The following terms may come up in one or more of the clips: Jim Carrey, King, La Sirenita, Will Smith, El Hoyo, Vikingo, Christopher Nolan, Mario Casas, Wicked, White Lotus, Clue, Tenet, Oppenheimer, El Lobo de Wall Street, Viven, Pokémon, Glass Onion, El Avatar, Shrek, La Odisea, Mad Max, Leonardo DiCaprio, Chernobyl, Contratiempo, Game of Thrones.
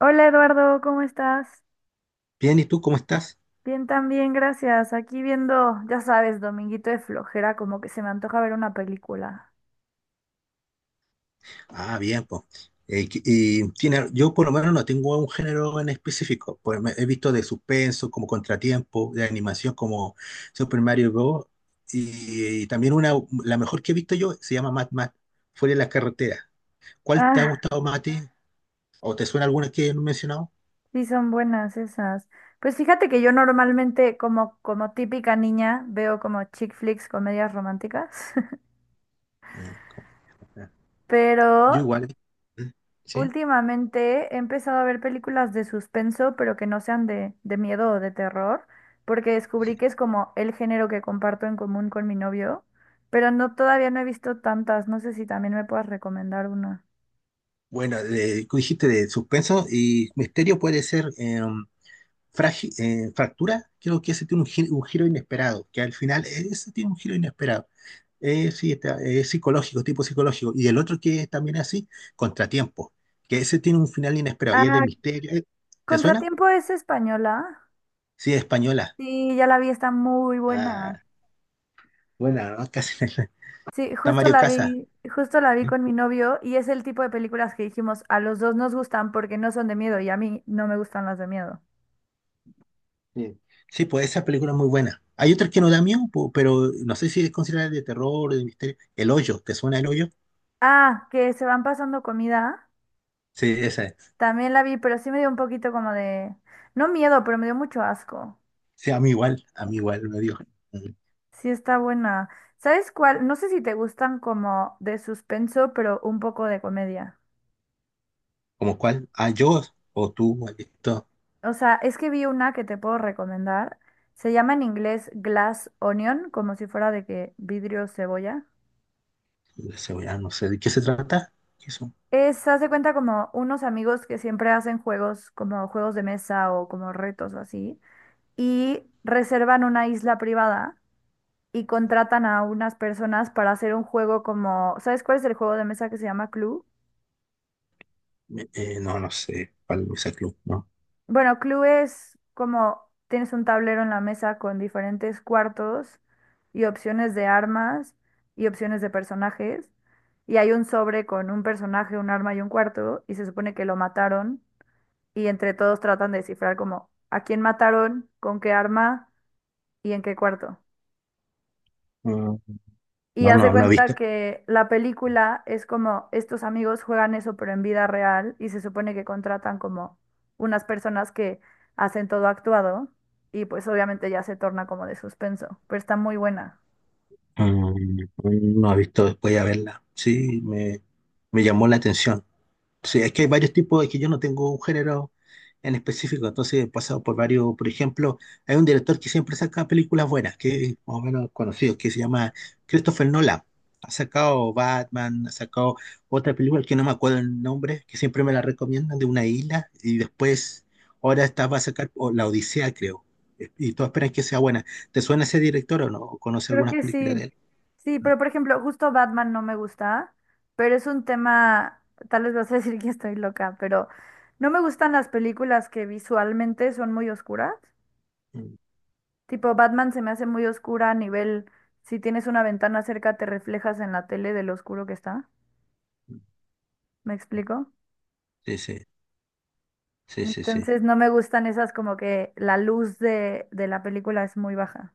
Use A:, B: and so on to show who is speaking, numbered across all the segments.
A: Hola Eduardo, ¿cómo estás?
B: Bien, ¿y tú cómo estás?
A: Bien, también, gracias. Aquí viendo, ya sabes, Dominguito de flojera, como que se me antoja ver una película.
B: Ah, bien, pues. Y tiene, yo por lo menos no tengo un género en específico. He visto de suspenso, como Contratiempo, de animación como Super Mario Bros. Y también una, la mejor que he visto yo se llama Mad Max, Fuera de las carreteras. ¿Cuál te ha
A: Ah,
B: gustado más a ti? ¿O te suena alguna que no he mencionado?
A: sí, son buenas esas. Pues fíjate que yo normalmente, como típica niña, veo como chick flicks, comedias románticas,
B: Ah, como- ah, Yo
A: pero
B: igual. ¿Mm? ¿Sí?
A: últimamente he empezado a ver películas de suspenso, pero que no sean de miedo o de terror, porque descubrí que es como el género que comparto en común con mi novio, pero no, todavía no he visto tantas, no sé si también me puedas recomendar una.
B: Bueno, tú dijiste de suspenso y misterio puede ser. Fractura, creo que ese tiene un, un giro inesperado, que al final ese tiene un giro inesperado. Sí, está, es psicológico, tipo psicológico. Y el otro que es también así, contratiempo, que ese tiene un final inesperado y es de
A: Ah,
B: misterio. ¿Te suena?
A: Contratiempo es española.
B: Sí, es española.
A: Sí, ya la vi, está muy buena.
B: Ah, buena, ¿no? Casi
A: Sí,
B: está
A: justo
B: Mario
A: la
B: Casas.
A: vi, justo la vi con mi novio y es el tipo de películas que dijimos, a los dos nos gustan porque no son de miedo y a mí no me gustan las de miedo.
B: Sí. Sí, pues esa película es muy buena. Hay otras que no da miedo, po, pero no sé si es considerada de terror o de misterio. El Hoyo, ¿te suena El Hoyo?
A: Ah, que se van pasando comida.
B: Sí, esa es.
A: También la vi, pero sí me dio un poquito como de, no miedo, pero me dio mucho asco.
B: Sí, a mí igual me dio. Mm.
A: Sí, está buena. ¿Sabes cuál? No sé si te gustan como de suspenso, pero un poco de comedia.
B: ¿Como cuál? Ah, yo o tú, maldito.
A: O sea, es que vi una que te puedo recomendar. Se llama en inglés Glass Onion, como si fuera de que vidrio cebolla.
B: La cebolla, no sé. ¿De qué se trata? ¿Qué son?
A: Es, haz de cuenta como unos amigos que siempre hacen juegos, como juegos de mesa o como retos o así, y reservan una isla privada y contratan a unas personas para hacer un juego como, ¿sabes cuál es el juego de mesa que se llama Clue?
B: No, no sé. ¿Cuál es el club? No.
A: Bueno, Clue es como tienes un tablero en la mesa con diferentes cuartos y opciones de armas y opciones de personajes y hay un sobre con un personaje, un arma y un cuarto y se supone que lo mataron y entre todos tratan de descifrar como a quién mataron, con qué arma y en qué cuarto.
B: Mm.
A: Y
B: No,
A: hace
B: no, no he
A: cuenta
B: visto.
A: que la película es como estos amigos juegan eso pero en vida real y se supone que contratan como unas personas que hacen todo actuado y pues obviamente ya se torna como de suspenso, pero está muy buena.
B: Mm. No he visto después de verla. Sí, me llamó la atención. Sí, es que hay varios tipos, es que yo no tengo un género en específico, entonces he pasado por varios, por ejemplo, hay un director que siempre saca películas buenas, que es más o menos conocido, que se llama Christopher Nolan. Ha sacado Batman, ha sacado otra película que no me acuerdo el nombre, que siempre me la recomiendan, de una isla, y después, ahora está, va a sacar o, La Odisea, creo, y todos esperan que sea buena. ¿Te suena ese director o no? ¿O conoce
A: Creo
B: algunas
A: que
B: películas de
A: sí.
B: él?
A: Sí,
B: Mm,
A: pero por ejemplo, justo Batman no me gusta, pero es un tema, tal vez vas a decir que estoy loca, pero no me gustan las películas que visualmente son muy oscuras.
B: mm,
A: Tipo, Batman se me hace muy oscura a nivel, si tienes una ventana cerca, te reflejas en la tele de lo oscuro que está.
B: mm.
A: ¿Me explico?
B: Sí, sí, sí, sí, sí.
A: Entonces no me gustan esas como que la luz de la película es muy baja.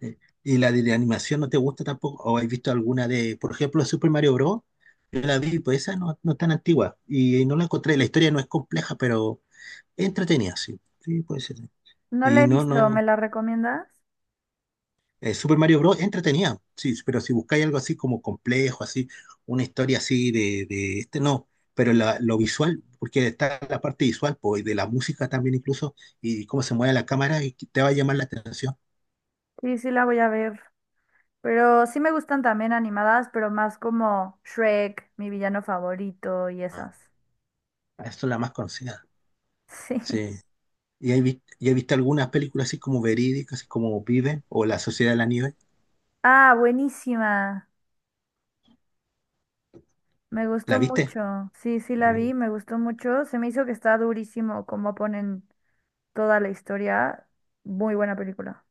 B: Eh, ¿Y la de animación no te gusta tampoco? ¿O has visto alguna de, por ejemplo, Super Mario Bros? Yo la vi, pues esa no, no es tan antigua y no la encontré. La historia no es compleja, pero es entretenida, sí. Sí, puede ser.
A: No la
B: Y
A: he
B: no,
A: visto,
B: no.
A: ¿me la recomiendas?
B: Super Mario Bros. Es entretenida, sí, pero si buscáis algo así como complejo, así, una historia así de este, no. Pero lo visual, porque está la parte visual, pues, y de la música también incluso, y cómo se mueve la cámara, y te va a llamar la atención.
A: Sí, sí la voy a ver. Pero sí me gustan también animadas, pero más como Shrek, mi villano favorito y
B: Ah.
A: esas.
B: Esa es la más conocida.
A: Sí.
B: Sí. Y has visto algunas películas así como verídicas, así como Viven o La Sociedad de la Nieve?
A: Ah, buenísima. Me gustó
B: ¿La viste?
A: mucho. Sí, sí la
B: Eh,
A: vi, me gustó mucho. Se me hizo que está durísimo como ponen toda la historia. Muy buena película.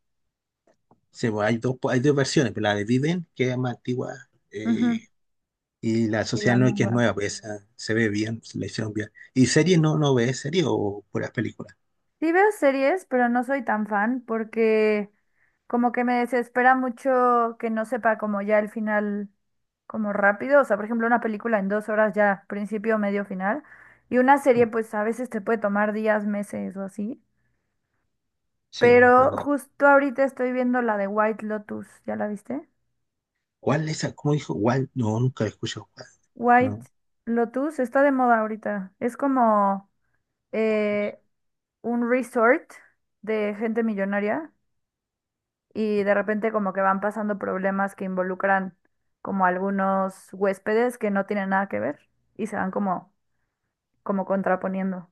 B: sí, bueno, hay dos, pues, hay dos versiones, pero la de Viven, que es más antigua,
A: Ujú,
B: eh, y La
A: y
B: Sociedad
A: la
B: de la Nieve, que es
A: nueva.
B: nueva, pues esa se ve bien, se la hicieron bien. ¿Y series no, no ves series o puras películas?
A: Sí veo series, pero no soy tan fan porque como que me desespera mucho que no sepa como ya el final como rápido. O sea, por ejemplo, una película en 2 horas ya, principio, medio, final. Y una serie pues a veces te puede tomar días, meses o así.
B: Sí, bueno,
A: Pero
B: verdad.
A: justo ahorita estoy viendo la de White Lotus. ¿Ya la viste?
B: ¿Cuál esa? ¿Cómo dijo? ¿Cuál? No, nunca he escuchado. ¿Cuál?
A: White
B: No,
A: Lotus está de moda ahorita. Es como... eh, un resort de gente millonaria y de repente como que van pasando problemas que involucran como algunos huéspedes que no tienen nada que ver y se van como, como contraponiendo.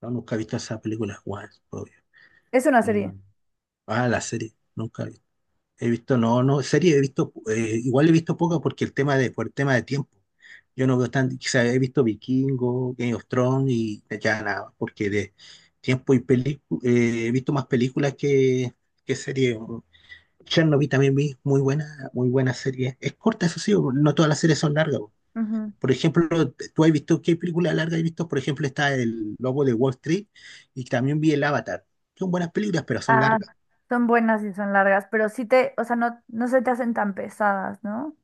B: no, nunca he visto esa película. ¿Cuál? Obvio.
A: Es una
B: Mm.
A: serie.
B: Ah, la serie. Nunca. He visto, no, no, serie he visto, igual he visto poca porque el tema de, por el tema de tiempo. Yo no veo tan, quizás he visto Vikingo, Game of Thrones y ya nada, porque de tiempo y película, he visto más películas que series. Chernobyl también vi, muy buena serie. Es corta, eso sí, no todas las series son largas. Po.
A: Ujú.
B: Por ejemplo, tú has visto, ¿qué película larga has visto? Por ejemplo, está El Lobo de Wall Street y también vi El Avatar. Son buenas películas, pero son
A: Ah,
B: largas.
A: son buenas y son largas, pero sí te, o sea, no, no se te hacen tan pesadas, ¿no?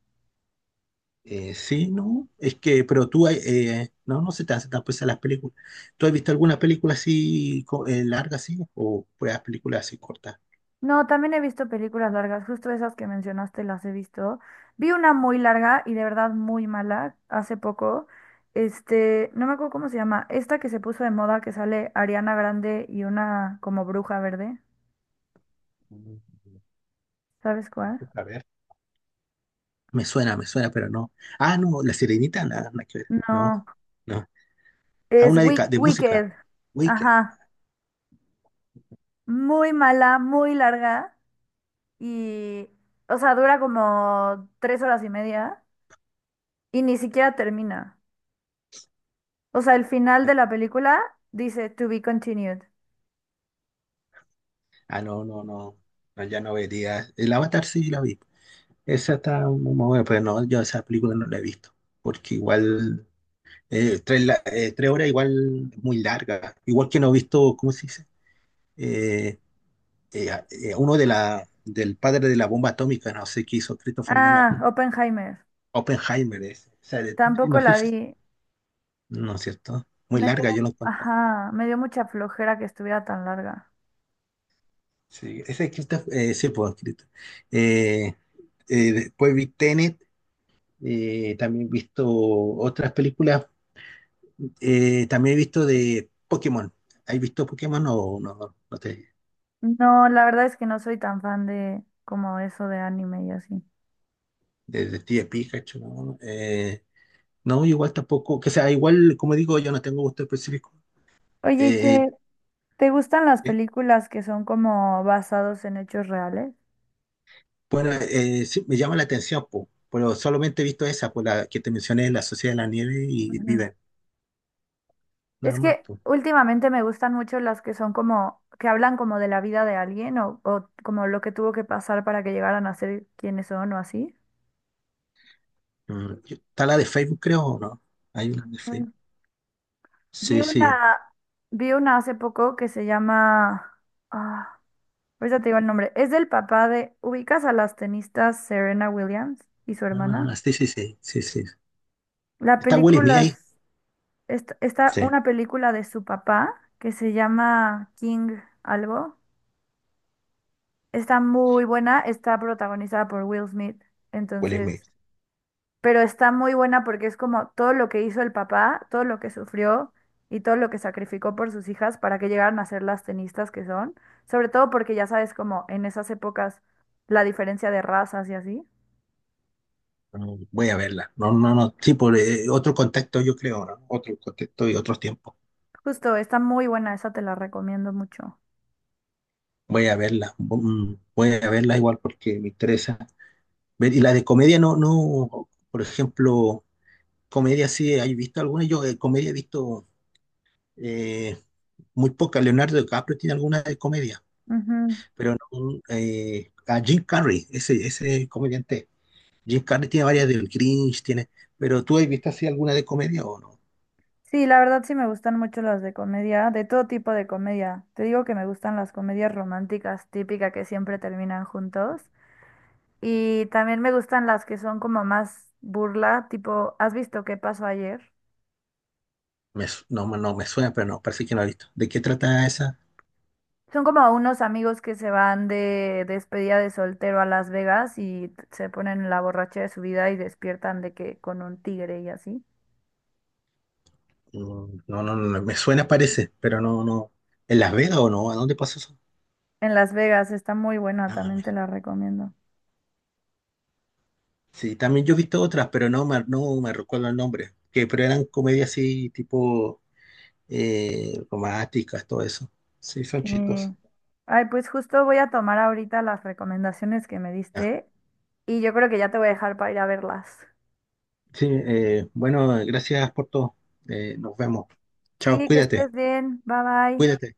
B: Sí, no, es que, pero tú, no, no se te hace tan pesada las películas. ¿Tú has visto alguna película así larga, así? ¿O pues, películas así cortas?
A: No, también he visto películas largas, justo esas que mencionaste las he visto. Vi una muy larga y de verdad muy mala hace poco. Este, no me acuerdo cómo se llama, esta que se puso de moda que sale Ariana Grande y una como bruja verde.
B: Mm.
A: ¿Sabes cuál?
B: A ver. Me suena, pero no. Ah, no, La Sirenita, nada, nada que ver. No,
A: No,
B: no. Ah,
A: es
B: una de, de música.
A: Wicked.
B: Wicked.
A: Ajá. Muy mala, muy larga y, o sea, dura como 3 horas y media y ni siquiera termina. O sea, el final de la película dice to be continued.
B: Ah, no, no, no. No, ya no vería. El Avatar sí la vi. Esa está muy buena, pero no, yo esa película no la he visto. Porque igual. Tres horas igual es muy larga. Igual que no he visto, ¿cómo se dice? Eh, Uno de la, del padre de la bomba atómica, no sé qué hizo Christopher Nolan.
A: Ah, Oppenheimer.
B: Oppenheimer es. O sea, de-
A: Tampoco
B: no sé
A: la
B: si.
A: vi.
B: No es cierto. Muy
A: Me dio,
B: larga, yo lo encontré.
A: ajá, me dio mucha flojera que estuviera tan larga.
B: Sí, ese es Christopher, sí, pues, Christopher. Eh, Después vi Tenet, también he visto otras películas. También he visto de Pokémon. ¿Has visto Pokémon o no? No,
A: No, la verdad es que no soy tan fan de como eso de anime y así.
B: de Detective Pikachu, ¿no? No, igual tampoco, que sea, igual, como digo, yo no tengo gusto específico.
A: Oye,
B: Eh,
A: ¿te gustan las
B: eh,
A: películas que son como basados en hechos reales?
B: bueno, sí, me llama la atención, po, pero solamente he visto esa, por la que te mencioné, La Sociedad de la Nieve y
A: Ujú.
B: Viven, nada
A: Es
B: más,
A: que
B: po.
A: últimamente me gustan mucho las que son como, que hablan como de la vida de alguien o como lo que tuvo que pasar para que llegaran a ser quienes son o así.
B: Mm. Está la de Facebook, creo, ¿o no? Hay una de Facebook.
A: Vi
B: Sí, sí.
A: una, vi una hace poco que se llama. Ah, ahorita te digo el nombre. Es del papá de. ¿Ubicas a las tenistas Serena Williams y su hermana?
B: Ah, sí, sí, sí, sí, sí.
A: La
B: ¿Está Will Smith
A: película
B: ahí?
A: es... está
B: Sí,
A: una película de su papá que se llama King algo. Está muy buena. Está protagonizada por Will Smith.
B: Will
A: Entonces,
B: Smith.
A: pero está muy buena porque es como todo lo que hizo el papá, todo lo que sufrió y todo lo que sacrificó por sus hijas para que llegaran a ser las tenistas que son, sobre todo porque ya sabes como en esas épocas la diferencia de razas y así.
B: Mm. Voy a verla. No, no, no. Sí, por otro contexto, yo creo, ¿no? Otro contexto y otros tiempos.
A: Justo, está muy buena, esa te la recomiendo mucho.
B: Voy a verla, mm, voy a verla igual porque me interesa. Y la de comedia no, no, por ejemplo, comedia sí, ¿hay visto alguna? Yo de comedia he visto eh, muy poca. Leonardo DiCaprio tiene alguna de comedia,
A: Ujú.
B: pero no, a Jim Carrey, ese comediante. Jim Carrey tiene varias del Grinch, tiene, pero ¿tú has visto así alguna de comedia o no?
A: Sí, la verdad sí me gustan mucho las de comedia, de todo tipo de comedia. Te digo que me gustan las comedias románticas típicas que siempre terminan juntos. Y también me gustan las que son como más burla, tipo, ¿has visto Qué Pasó Ayer?
B: No, no me suena, pero no, parece que no he visto. ¿De qué trata esa?
A: Son como unos amigos que se van de despedida de soltero a Las Vegas y se ponen en la borracha de su vida y despiertan de que con un tigre y así.
B: Mm. No, no, no, me suena, parece, pero no, no. ¿En Las Vegas o no? ¿A dónde pasó eso?
A: En Las Vegas, está muy buena,
B: Ah,
A: también
B: me-
A: te la recomiendo.
B: sí, también yo he visto otras, pero no me, no me recuerdo el nombre. Que, pero eran comedias así, tipo románticas, todo eso. Sí, son chistosas.
A: Eh, Ay, pues justo voy a tomar ahorita las recomendaciones que me
B: Ya.
A: diste y yo creo que ya te voy a dejar para ir a verlas.
B: Sí, bueno, gracias por todo. Nos vemos. Chao,
A: Sí, que estés
B: cuídate,
A: bien. Bye bye.
B: cuídate.